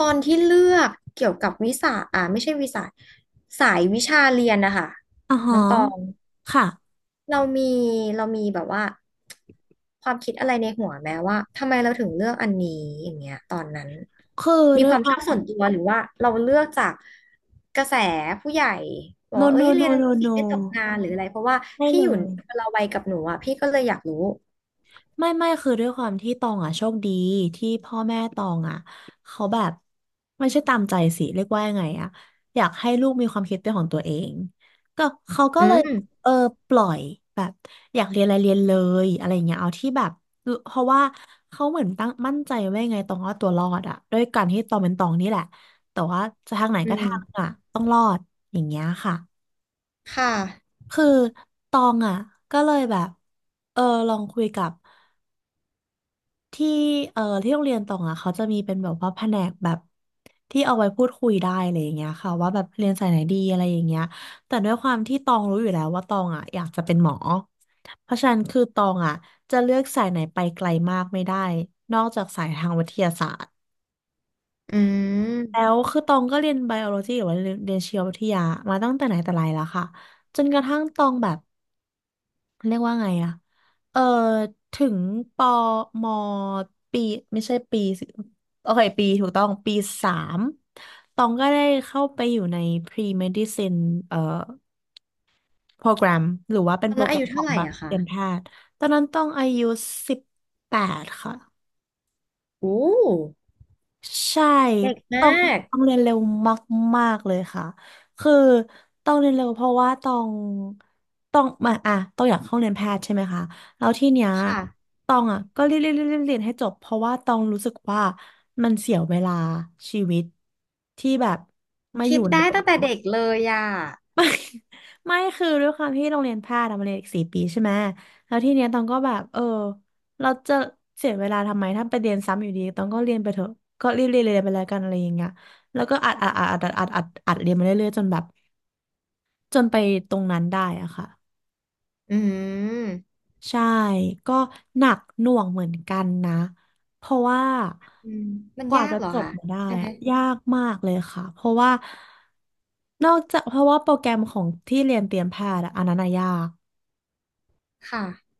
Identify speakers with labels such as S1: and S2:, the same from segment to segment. S1: ตอนที่เลือกเกี่ยวกับวิสาอ่าไม่ใช่วิสาสายวิชาเรียนนะคะ
S2: อ๋อ
S1: น้
S2: ฮะ
S1: องตอง
S2: ค่ะ
S1: เรามีเรามีแบบว่าความคิดอะไรในหัวแม้ว่าทำไมเราถึงเลือกอันนี้อย่างเงี้ยตอนนั้น
S2: คือ
S1: มี
S2: ด้ว
S1: ค
S2: ย
S1: วาม
S2: ค
S1: ช
S2: วา
S1: อบส่วน
S2: ม
S1: ตัวหรือว่าเราเลือกจากกระแสผู้ใหญ่บอก
S2: no
S1: ว่าเอ้ย
S2: no
S1: เรียน
S2: no
S1: อันนี้
S2: no
S1: สิ
S2: no
S1: ไม่ตกงานหรืออะไรเพราะว่า
S2: ไม่
S1: พี่
S2: เล
S1: อยู่
S2: ย
S1: คนละวัยกับหนูอ่ะพี่ก็เลยอยากรู้
S2: ไม่คือด้วยความที่ตองอ่ะโชคดีที่พ่อแม่ตองอ่ะเขาแบบไม่ใช่ตามใจสิเรียกว่ายังไงอ่ะอยากให้ลูกมีความคิดเป็นของตัวเองก็เขาก็
S1: อื
S2: เลย
S1: ม
S2: เออปล่อยแบบอยากเรียนอะไรเรียนเลยอะไรอย่างเงี้ยเอาที่แบบเพราะว่าเขาเหมือนตั้งมั่นใจไว้ไงตองว่าตัวรอดอ่ะด้วยการที่ตองเป็นตองนี่แหละแต่ว่าจะทางไหน
S1: อื
S2: ก็ทาง
S1: ม
S2: อ่ะต้องรอดอย่างเงี้ยค่ะ
S1: ค่ะ
S2: คือตองอ่ะก็เลยแบบเออลองคุยกับที่ที่โรงเรียนตองอ่ะเขาจะมีเป็นแบบว่าแผนกแบบที่เอาไว้พูดคุยได้อะไรอย่างเงี้ยค่ะว่าแบบเรียนสายไหนดีอะไรอย่างเงี้ยแต่ด้วยความที่ตองรู้อยู่แล้วว่าตองอ่ะอยากจะเป็นหมอเพราะฉะนั้นคือตองอ่ะจะเลือกสายไหนไปไกลมากไม่ได้นอกจากสายทางวิทยาศาสตร์
S1: อื
S2: แล้
S1: ม
S2: วคือตองก็เรียนไบโอโลจีหรือว่าเรียนชีววิทยามาตั้งแต่ไหนแต่ไรแล้วค่ะจนกระทั่งตองแบบ เรียกว่าไงอะเออถึงปอมอปีไม่ใช่ปีสิโอเคปีถูกต้องปีสามตองก็ได้เข้าไปอยู่ใน pre-medicine เอ่อโปรแกรมหรือว่าเป็
S1: ต
S2: น
S1: อน
S2: โปร
S1: นั้น
S2: แกร
S1: อา
S2: ม
S1: ยุ
S2: ขอ
S1: เท่า
S2: ง
S1: ไหร่
S2: แบบ
S1: อะ
S2: เต
S1: คะ
S2: รียมแพทย์ตอนนั้นต้องอายุ18ค่ะ
S1: โอ้
S2: ใช่
S1: เด็กมา
S2: ต้อง
S1: ก
S2: ต้องเรียนเร็วมากๆเลยค่ะ คือต้องเรียนเร็วเพราะว่าต้องมาอ่ะต้องอยากเข้าเรียนแพทย์ใช่ไหมคะ แล้วที่เนี้ย
S1: ค่ะ
S2: ต้องอ่ะก็เรียนเรียนเรียนเรียนเรียนให้จบเพราะว่าต้องรู้สึกว่ามันเสียเวลาชีวิตที่แบบมาอ
S1: คิ
S2: ยู่
S1: ด
S2: ใน
S1: ได้
S2: ตรง
S1: ตั้งแต่
S2: นี้
S1: เด็กเลยอ่ะ
S2: ไม่คือด้วยความที่โรงเรียนแพทย์อะมันเรียนอีก4ปีใช่ไหมแล้วทีเนี้ยตองก็แบบเราจะเสียเวลาทำไมถ้าไปเรียนซ้ำอยู่ดีตองก็เรียนไปเถอะก็รีบเรียนไปแล้วกันอะไรอย่างเงี้ยแล้วก็อัดเรียนมาเรื่อยๆจนแบบจนไปตรงนั้นได้อะค่ะ
S1: อืม
S2: ใช่ก็หนักหน่วงเหมือนกันนะเพราะว่า
S1: อืมมัน
S2: กว่า
S1: ยาก
S2: จะ
S1: เหรอ
S2: จบ
S1: คะ
S2: มาได้
S1: ใช่ไหม
S2: อะยากมากเลยค่ะเพราะว่านอกจากเพราะว่าโปรแกรมของที่เรียนเตรียมแพทย์อะอันนั้นอะยาก
S1: ค่ะ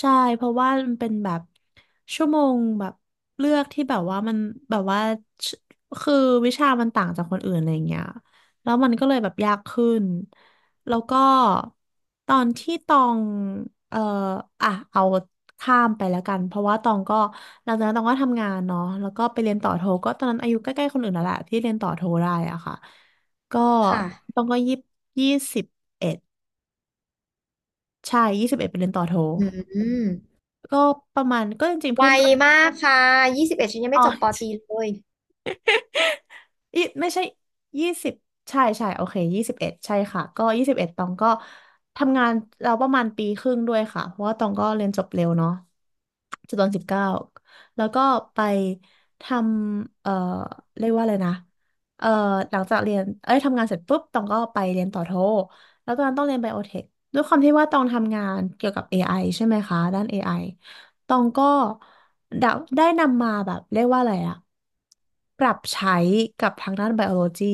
S2: ใช่เพราะว่ามันเป็นแบบชั่วโมงแบบเลือกที่แบบว่ามันแบบว่าชคือวิชามันต่างจากคนอื่นอะไรอย่างเงี้ยแล้วมันก็เลยแบบยากขึ้นแล้วก็ตอนที่ตองเอ่ออ่ะเอาข้ามไปแล้วกันเพราะว่าตองก็หลังจากนั้นตองก็ทำงานเนาะแล้วก็ไปเรียนต่อโทก็ตอนนั้นอายุใกล้ๆคนอื่นแล้วแหละที่เรียนต่อโทได้อะค่ะก็
S1: ค่ะ
S2: ตองก็ยี่สิบเอ็ดใช่ยี่สิบเอ็ดไปเรียนต่อโท
S1: อืม
S2: ก็ประมาณก็จริงๆ
S1: ไว
S2: เพื่อนตอง
S1: มากค่ะยี่สิบเอ็ดฉันยัง
S2: อ๋
S1: ไม่
S2: อ
S1: จบปตรีเลย
S2: อีไม่ใช่20ใช่ใช่โอเคยี่สิบเอ็ดใช่ค่ะก็ยี่สิบเอ็ดตองก็ทำงานเราประมาณปีครึ่งด้วยค่ะเพราะว่าตองก็เรียนจบเร็วเนาะจบตอนสิบเก้าแล้วก็ไปทำเรียกว่าอะไรนะเอ่อหลังจากเรียนเอ้ยทำงานเสร็จปุ๊บตองก็ไปเรียนต่อโทแล้วตอนนั้นต้องเรียนไบโอเทคด้วยความที่ว่าตองทำงานเกี่ยวกับ AI ใช่ไหมคะด้านเอไอ ตองก็ได้ได้นำมาแบบเรียกว่าอะไรอะปรับใช้กับทางด้านไบโอโลจี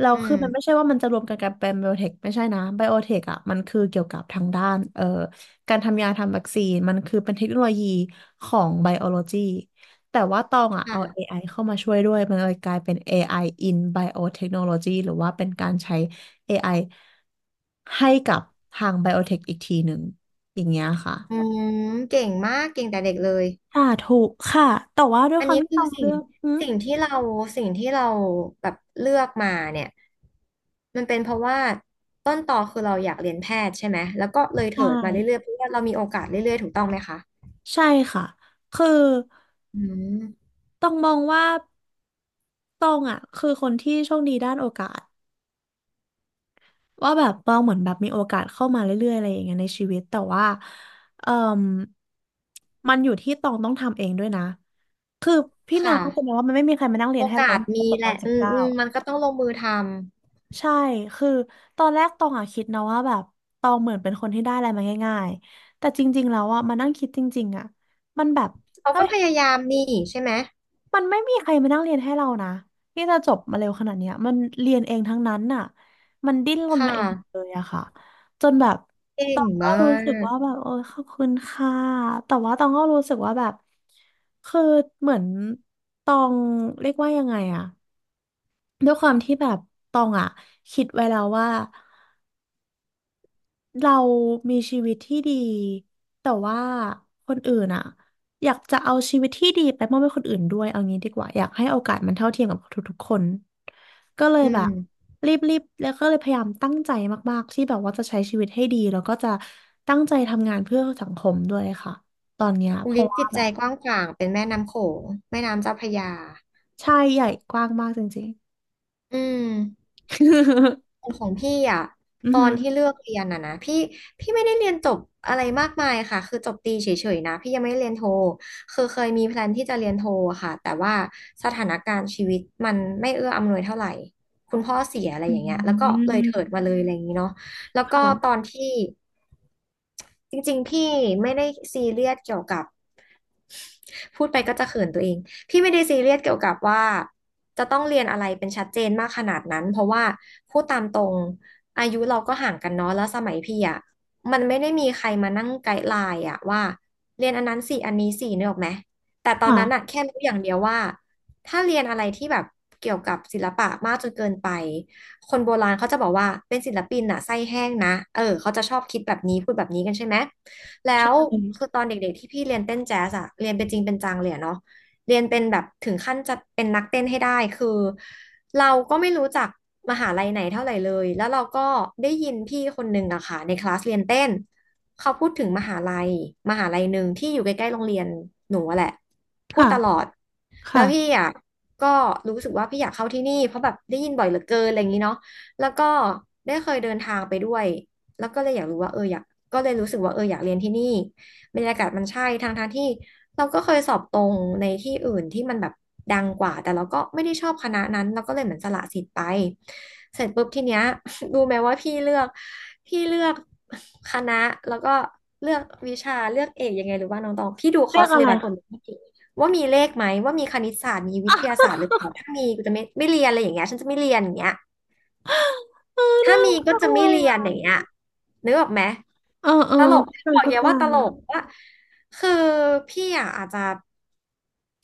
S2: เรา
S1: อื
S2: คื
S1: ม
S2: อมันไม่ใช่ว่ามันจะรวมกันเป็นไบโอเทคไม่ใช่นะไบโอเทคอะมันคือเกี่ยวกับทางด้านการทำยาทำวัคซีนมันคือเป็นเทคโนโลยีของไบโอโลจีแต่ว่าตองอะเอา
S1: ค่ะ
S2: AI เข้ามาช่วยด้วยมันเลยกลายเป็น AI in Biotechnology หรือว่าเป็นการใช้ AI ให้กับทางไบโอเทคอีกทีหนึ่งอย่างเงี้ยค่ะ
S1: อืมเก่งมากเก่งแต่เด็กเลย
S2: สาธุค่ะแต่ว่าด้วย
S1: อัน
S2: ความ
S1: นี้
S2: ที่
S1: คื
S2: ต
S1: อ
S2: อง
S1: สิ่
S2: เลื
S1: ง
S2: อกอืม
S1: สิ่งที่เราสิ่งที่เราแบบเลือกมาเนี่ยมันเป็นเพราะว่าต้นตอคือเราอยากเรียนแพทย์ใช่ไหมแล้วก็เลย
S2: ใช่
S1: เถิดมาเรื่อยๆเพราะว่าเรามีโอกาสเรื่อยๆถูกต้องไหมคะ
S2: ใช่ค่ะคือ
S1: อืม
S2: ต้องมองว่าตองอ่ะคือคนที่โชคดีด้านโอกาสว่าแบบตองเหมือนแบบมีโอกาสเข้ามาเรื่อยๆอะไรอย่างเงี้ยในชีวิตแต่ว่าเอ่มมันอยู่ที่ตองต้องทำเองด้วยนะคือพี่เมีย
S1: ค่ะ
S2: เขาจะมองว่ามันไม่มีใครมานั่งเรี
S1: โอ
S2: ยนให้เรา
S1: กาส
S2: จ
S1: มี
S2: บ
S1: แห
S2: ตอ
S1: ละ
S2: นสิบ
S1: อืม
S2: เก้า
S1: อืมมันก็ต้องลงมือทำ
S2: ใช่คือตอนแรกตองอะคิดนะว่าแบบตองเหมือนเป็นคนที่ได้อะไรมาง่ายๆแต่จริงๆแล้วอะมานั่งคิดจริงๆอะมันแบบ
S1: เขา
S2: เอ้
S1: ก็
S2: ย
S1: พยายามนี่ใช่ไหม
S2: มันไม่มีใครมานั่งเรียนให้เรานะที่จะจบมาเร็วขนาดเนี้ยมันเรียนเองทั้งนั้นน่ะมันดิ้นรน
S1: ค่ะ
S2: มาเองเลยอะค่ะจนแบบ
S1: เก่
S2: ต
S1: ง
S2: องก็
S1: มา
S2: รู้สึก
S1: ก
S2: ว่าแบบโอ้ยขอบคุณค่ะแต่ว่าตองก็รู้สึกว่าแบบคือเหมือนตองเรียกว่ายังไงอะด้วยความที่แบบตองอะคิดไว้แล้วว่า เรามีชีวิตที่ดีแต่ว่าคนอื่นอะอยากจะเอาชีวิตที่ดีไปมอบให้คนอื่นด้วยเอางี้ดีกว่าอยากให้โอกาสมันเท่าเทียมกับทุกๆคนก็เลย
S1: อื
S2: แบ
S1: ม
S2: บรีบๆแล้วก็เลยพยายามตั้งใจมากๆที่แบบว่าจะใช้ชีวิตให้ดีแล้วก็จะตั้งใจทำงานเพื่อสังคมด้วยค่ะตอนเนี้ย
S1: อุ
S2: เพ
S1: ลิ
S2: ราะ
S1: ศจิ
S2: ว่า
S1: ต
S2: แบ
S1: ใจ
S2: บ
S1: กว้างขวางเป็นแม่น้ำโขงแม่น้ำเจ้าพระยา
S2: ใช่ใหญ่กว้างมากจริงๆ
S1: อืม ของพี่อ่ะ
S2: อื
S1: ต
S2: อ
S1: อ
S2: หื
S1: น
S2: อ
S1: ที่เลือกเรียนอ่ะนะพี่พี่ไม่ได้เรียนจบอะไรมากมายค่ะคือจบตรีเฉยๆนะพี่ยังไม่ได้เรียนโทคือเคยมีแพลนที่จะเรียนโทค่ะแต่ว่าสถานการณ์ชีวิตมันไม่เอื้ออำนวยเท่าไหร่คุณพ่อเสียอะไร
S2: อื
S1: อย่างเงี้ยแล้วก็เลยเถิดมา
S2: ม
S1: เลยอะไรอย่างงี้เนาะแล้วก็ตอ
S2: ค่ะ
S1: นที่จริงๆพี่ไม่ได้ซีเรียสเกี่ยวกับ พูดไปก็จะเขินตัวเอง พี่ไม่ได้ซีเรียสเกี่ยวกับว่าจะต้องเรียนอะไรเป็นชัดเจนมากขนาดนั้นเพราะว่าพูดตามตรงอายุเราก็ห่างกันเนาะแล้วสมัยพี่อ่ะมันไม่ได้มีใครมานั่งไกด์ไลน์อ่ะว่าเรียนอันนั้นสี่อันนี้สี่เนึกออกไหมแต่ตอนนั้นอ่ะ
S2: ค่ะ
S1: แค่รู้อย่างเดียวว่าถ้าเรียนอะไรที่แบบเกี่ยวกับศิลปะมากจนเกินไปคนโบราณเขาจะบอกว่าเป็นศิลปินอ่ะไส้แห้งนะเออเขาจะชอบคิดแบบนี้พูดแบบนี้กันใช่ไหม แล้ว
S2: ใช่
S1: คือตอนเด็กๆที่พี่เรียนเต้นแจ๊สอะเรียนเป็นจริงเป็นจังเลยอะเนาะเรียนเป็นแบบถึงขั้นจะเป็นนักเต้นให้ได้คือเราก็ไม่รู้จักมหาลัยไหนเท่าไหร่เลยแล้วเราก็ได้ยินพี่คนหนึ่งอะค่ะในคลาสเรียนเต้นเขาพูดถึงมหาลัยมหาลัยหนึ่งที่อยู่ใกล้ๆโรงเรียนหนูอะแหละพูด
S2: ค่ะ
S1: ตลอดแล้วพี่
S2: ค่ะ
S1: อะก็รู้สึกว่าพี่อยากเข้าที่นี่เพราะแบบได้ยินบ่อยเหลือเกินอะไรอย่างนี้เนาะแล้วก็ได้เคยเดินทางไปด้วยแล้วก็เลยอยากรู้ว่าเอออยาก ก็เลยรู้สึกว่าเอออยากเรียนที่นี่บรรยากาศมันใช่ทางทางที่เราก็เคยสอบตรงในที่อื่นที่มันแบบดังกว่าแต่เราก็ไม่ได้ชอบคณะนั้นเราก็เลยเหมือนสละสิทธิ์ไปเสร็จปุ๊บทีเนี้ย รู้ไหมว่าพี่เลือกคณะแล้วก็เลือกวิชาเลือกเอกยังไงหรือว่าน้องตองพี่ดูคอ
S2: เรื่
S1: ร์
S2: อ
S1: ส
S2: ง
S1: เล
S2: อะไร
S1: บัสหมดเลยว่ามีเลขไหมว่ามีคณิตศาสตร์มีวิทยาศาสตร์หรือเปล่าถ้ามีกูจะไม่เรียนอะไรอย่างเงี้ยฉันจะไม่เรียนอย่างเงี้ย
S2: เออ
S1: ถ้า
S2: น่า
S1: มีก็
S2: รัก
S1: จะ
S2: เล
S1: ไม่
S2: ย
S1: เรียนอ
S2: อ่ะ
S1: ย่างเงี้ยนึกออกไหม
S2: เออเอ
S1: ต
S2: อ
S1: ลก
S2: เข้า
S1: บอ
S2: ใจ
S1: ก
S2: เข้า
S1: เยอะ
S2: ใจ
S1: ว่าตลกว่าคือพี่อ่ะอาจจะ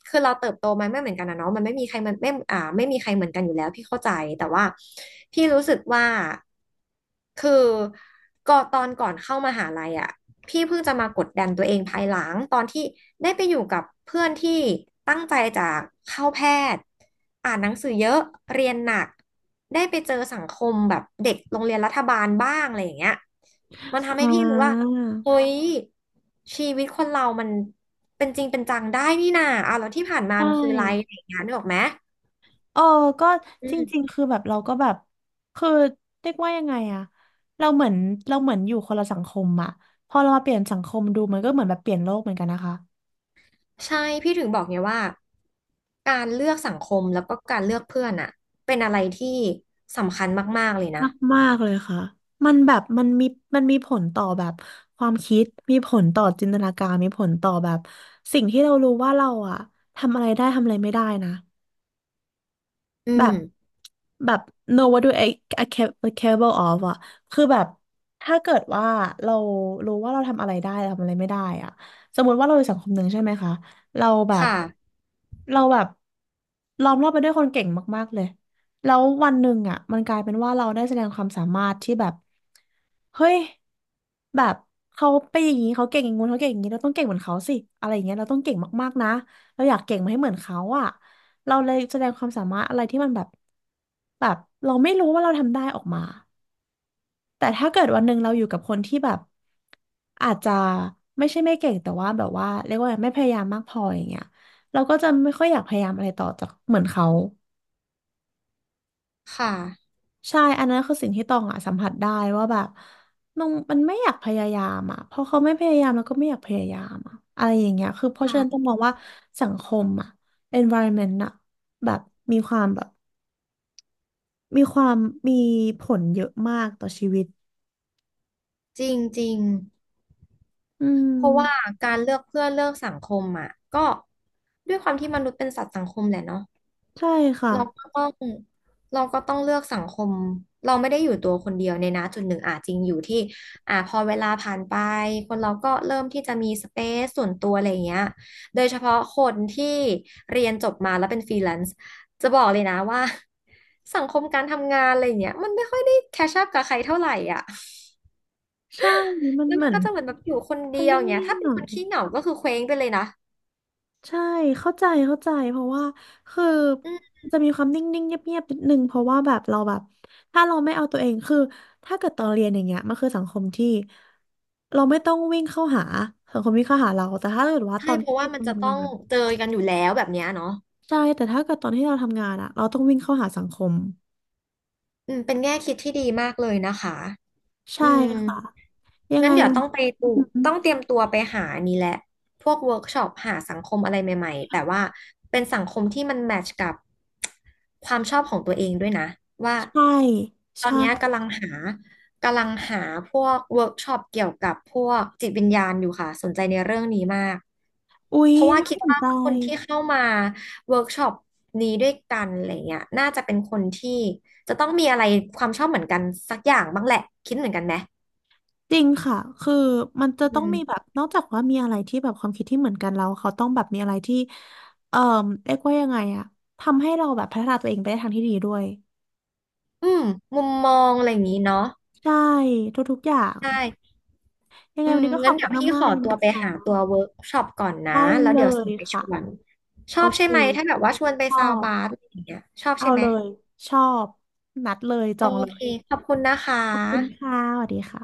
S1: คือเราเติบโตมาไม่เหมือนกันนะเนาะมันไม่มีใครมันไม่อ่าไม่มีใครเหมือนกันอยู่แล้วพี่เข้าใจแต่ว่าพี่รู้สึกว่า คือก็ตอนก่อนเข้ามหาลัยอ่ะพี่เพิ่งจะมากดดันตัวเองภายหลังตอนที่ได้ไปอยู่กับเพื่อนที่ตั้งใจจะเข้าแพทย์อ่านหนังสือเยอะเรียนหนักได้ไปเจอสังคมแบบเด็กโรงเรียนรัฐบาลบ้างอะไรอย่างเงี้ยมันทำให้
S2: อ่
S1: พี่รู้ว่า
S2: า
S1: เฮ้ยชีวิตคนเรามันเป็นจริงเป็นจังได้นี่นาอ่ะแล้วที่ผ่านมา
S2: ใช
S1: มันคืออะไรอะ
S2: ่
S1: ไรอย่างเงี้ยนึกออกไหม
S2: เออ ก็
S1: อื
S2: จริง
S1: ม
S2: ๆคือแบบเราก็แบบคือเรียกว่ายังไงอะเราเหมือนเราเหมือนอยู่คนละสังคมอะพอเรามาเปลี่ยนสังคมดูมันก็เหมือนแบบเปลี่ยนโลกเหมือนกันนะคะ
S1: ใช่พี่ถึงบอกไงว่าการเลือกสังคมแล้วก็การเลือกเพื่อนอะเป็นอะไรที่สำคัญมากๆเลยนะ
S2: มากมากเลยค่ะมันแบบมันมีมันมีผลต่อแบบความคิด มีผลต่อจินตนาการมีผลต่อแบบสิ่งที่เรารู้ว่าเราอะทำอะไรได้ทำอะไรไม่ได้นะ
S1: อื
S2: แบบ
S1: ม
S2: แบบ no what do I I like capable of อะคือแบบถ้าเกิดว่าเรารู้ว่าเราทำอะไรได้เราทำอะไรไม่ได้อะสมมติว่าเราอยู่สังคมหนึ่งใช่ไหมคะเราแบบ
S1: ค่ะ
S2: เราแบบล้อมรอบไปด้วยคนเก่งมากๆเลยแล้ววันหนึ่งอะมันกลายเป็นว่าเราได้แสดงความสามารถที่แบบเฮ้ยแบบเขาไปนอย่างนี้เขาเก่งอย่างงู้นเขาเก่งอย่างนี้เราต้องเก่งเหมือนเขาสิอะไรอย่างเงี้ยเราต้องเก่งมากๆนะ เราอยากเก่งมาให้เหมือนเขาอะเราเลยแสดงความสามารถอะไรที่มันแบบแบบเราไม่รู้ว่าเราทำได้ออกมา แต่ถ้าเกิดวันหนึ่งเราอยู่กับคนที่แบบอาจจะไม่ใช่ไม่เก่งแต่ว่าแบบว่าเรียกว่าไม่พยายามมากพออย่างเงี้ยเราก็จะไม่ค่อยอยากพยายามอะไรต่อจากเหมือนเขา
S1: ค่ะ
S2: ใช่อันนั้นคือสิ่งที่ตองอะสัมผัสได้ว่าแบบน้องมันไม่อยากพยายามอะเพราะเขาไม่พยายามแล้วก็ไม่อยากพยายามอะอะไรอย่างเงี้ยคือเพราะฉะนั้นต้อง
S1: ค่ะ
S2: มองว่าสังคมอะ environment อะแบบมีความแบบ มีความมีผลเยอะมากต่อชีวิต
S1: จริงจริง
S2: อื
S1: เพราะว่า
S2: ม
S1: การเลือกเพื่อนเลือกสังคมอะก็ด้วยความที่มนุษย์เป็นสัตว์สังคมแหละเนาะ
S2: ใช่ค่ะ
S1: เราก็ต้องเราก็ต้องเลือกสังคมเราไม่ได้อยู่ตัวคนเดียวในนะจุดหนึ่งอ่ะจริงอยู่ที่อ่ะพอเวลาผ่านไปคนเราก็เริ่มที่จะมีสเปซส่วนตัวอะไรอย่างเงี้ยโดยเฉพาะคนที่เรียนจบมาแล้วเป็นฟรีแลนซ์จะบอกเลยนะว่า สังคมการทำงานอะไรอย่างเงี้ยมันไม่ค่อยได้แคชอัพกับใครเท่าไหร่อ่ะ
S2: ใช่มัน
S1: แล้ว
S2: เห
S1: มั
S2: มื
S1: น
S2: อ
S1: ก็
S2: น
S1: จะเหมือนแบบอยู่คนเดี
S2: มัน
S1: ยวอย่างเงี้ย
S2: นิ่ง
S1: ถ้า
S2: ๆ
S1: เป็
S2: ห
S1: น
S2: น่
S1: ค
S2: อ
S1: น
S2: ย
S1: ขี้เหงาก็คือเคว้งไปเลยนะ
S2: ใช่เข้าใจเข้าใจเพราะว่าคือ
S1: อืม
S2: จะมีความนิ่งๆเงียบๆนิดนึงเพราะว่าแบบเราแบบถ้าเราไม่เอาตัวเองคือถ้าเกิดตอนเรียนอย่างเงี้ยมันคือสังคมที่เราไม่ต้องวิ่งเข้าหาสังคมวิ่งเข้าหาเราแต่ถ้าเกิดว่า
S1: ใช่
S2: ตอน
S1: เพ
S2: ที่
S1: ราะ
S2: เร
S1: ว่ามัน
S2: า
S1: จะต้
S2: ทำ
S1: อ
S2: งา
S1: ง
S2: น
S1: เจอกันอยู่แล้วแบบเนี้ยเนาะ
S2: ใช่แต่ถ้าเกิดตอนที่เราทำงานอะเราต้องวิ่งเข้าหาสังคม
S1: อืมเป็นแง่คิดที่ดีมากเลยนะคะอื
S2: ใช่
S1: ม
S2: ค่ะยัง
S1: งั้
S2: ไง
S1: นเดี๋ยว
S2: วัน
S1: ต้องไปตูต้องเตรียมตัวไปหานี่แหละพวกเวิร์กช็อปหาสังคมอะไรใหม่ๆแต่ว่าเป็นสังคมที่มันแมทช์กับความชอบของตัวเองด้วยนะว่า
S2: ใช่
S1: ตอน
S2: ใช่
S1: เนี้ยกำลังหาพวกเวิร์กช็อปเกี่ยวกับพวกจิตวิญญาณอยู่ค่ะ สนใจในเรื่องนี้มาก
S2: อุ๊ย
S1: เพราะว่า
S2: น่า
S1: คิด
S2: สน
S1: ว่า
S2: ใ
S1: คนที่
S2: จ
S1: เข้ามาเวิร์กช็อปนี้ด้วยกันอะไรเงี้ยน่าจะเป็นคนที่ จะต้องมีอะไรความชอบเหมือนกันสักอย่างบ้างแหละคิดเหมือนกันไหม
S2: จริงค่ะคือมันจะ
S1: อื
S2: ต้อง
S1: ม
S2: มีแบบนอกจากว่ามีอะไรที่แบบความคิดที่เหมือนกันแล้วเขาต้องแบบมีอะไรที่เอ่อเรียกว่ายังไงอะทำให้เราแบบพัฒนาตัวเองไปในทางที่ดีด้วย
S1: อืมมุมมองอะไรอย่างนี้เนาะ
S2: ใช่ทุกๆอย่าง
S1: ได้
S2: ยังไง
S1: อื
S2: วั
S1: ม
S2: นนี้ก็ข
S1: งั้น
S2: อบ
S1: เดี๋
S2: คุ
S1: ยว
S2: ณ
S1: พี่ข
S2: มาก
S1: อ
S2: ๆเลย
S1: ตัว
S2: นะ
S1: ไปหา
S2: คะ
S1: ตัวเวิร์กช็อปก่อนนะ
S2: ได้
S1: แล้ว
S2: เล
S1: เดี๋ยวส่
S2: ย
S1: งไปช
S2: ค่ะ
S1: วนช
S2: โอ
S1: อบใช่
S2: เค
S1: ไหมถ้าแบบว่าชวนไป
S2: ชอ
S1: ซาว
S2: บ
S1: บาร์อะไรอย่างเงี้ยชอบ
S2: เอา
S1: ใช่ไหม
S2: เลยชอบนัดเลยจ
S1: โอ
S2: องเล
S1: เค
S2: ย
S1: ขอบคุณนะค
S2: ขอบคุณ
S1: ะ
S2: ค่ะสวัสดีค่ะ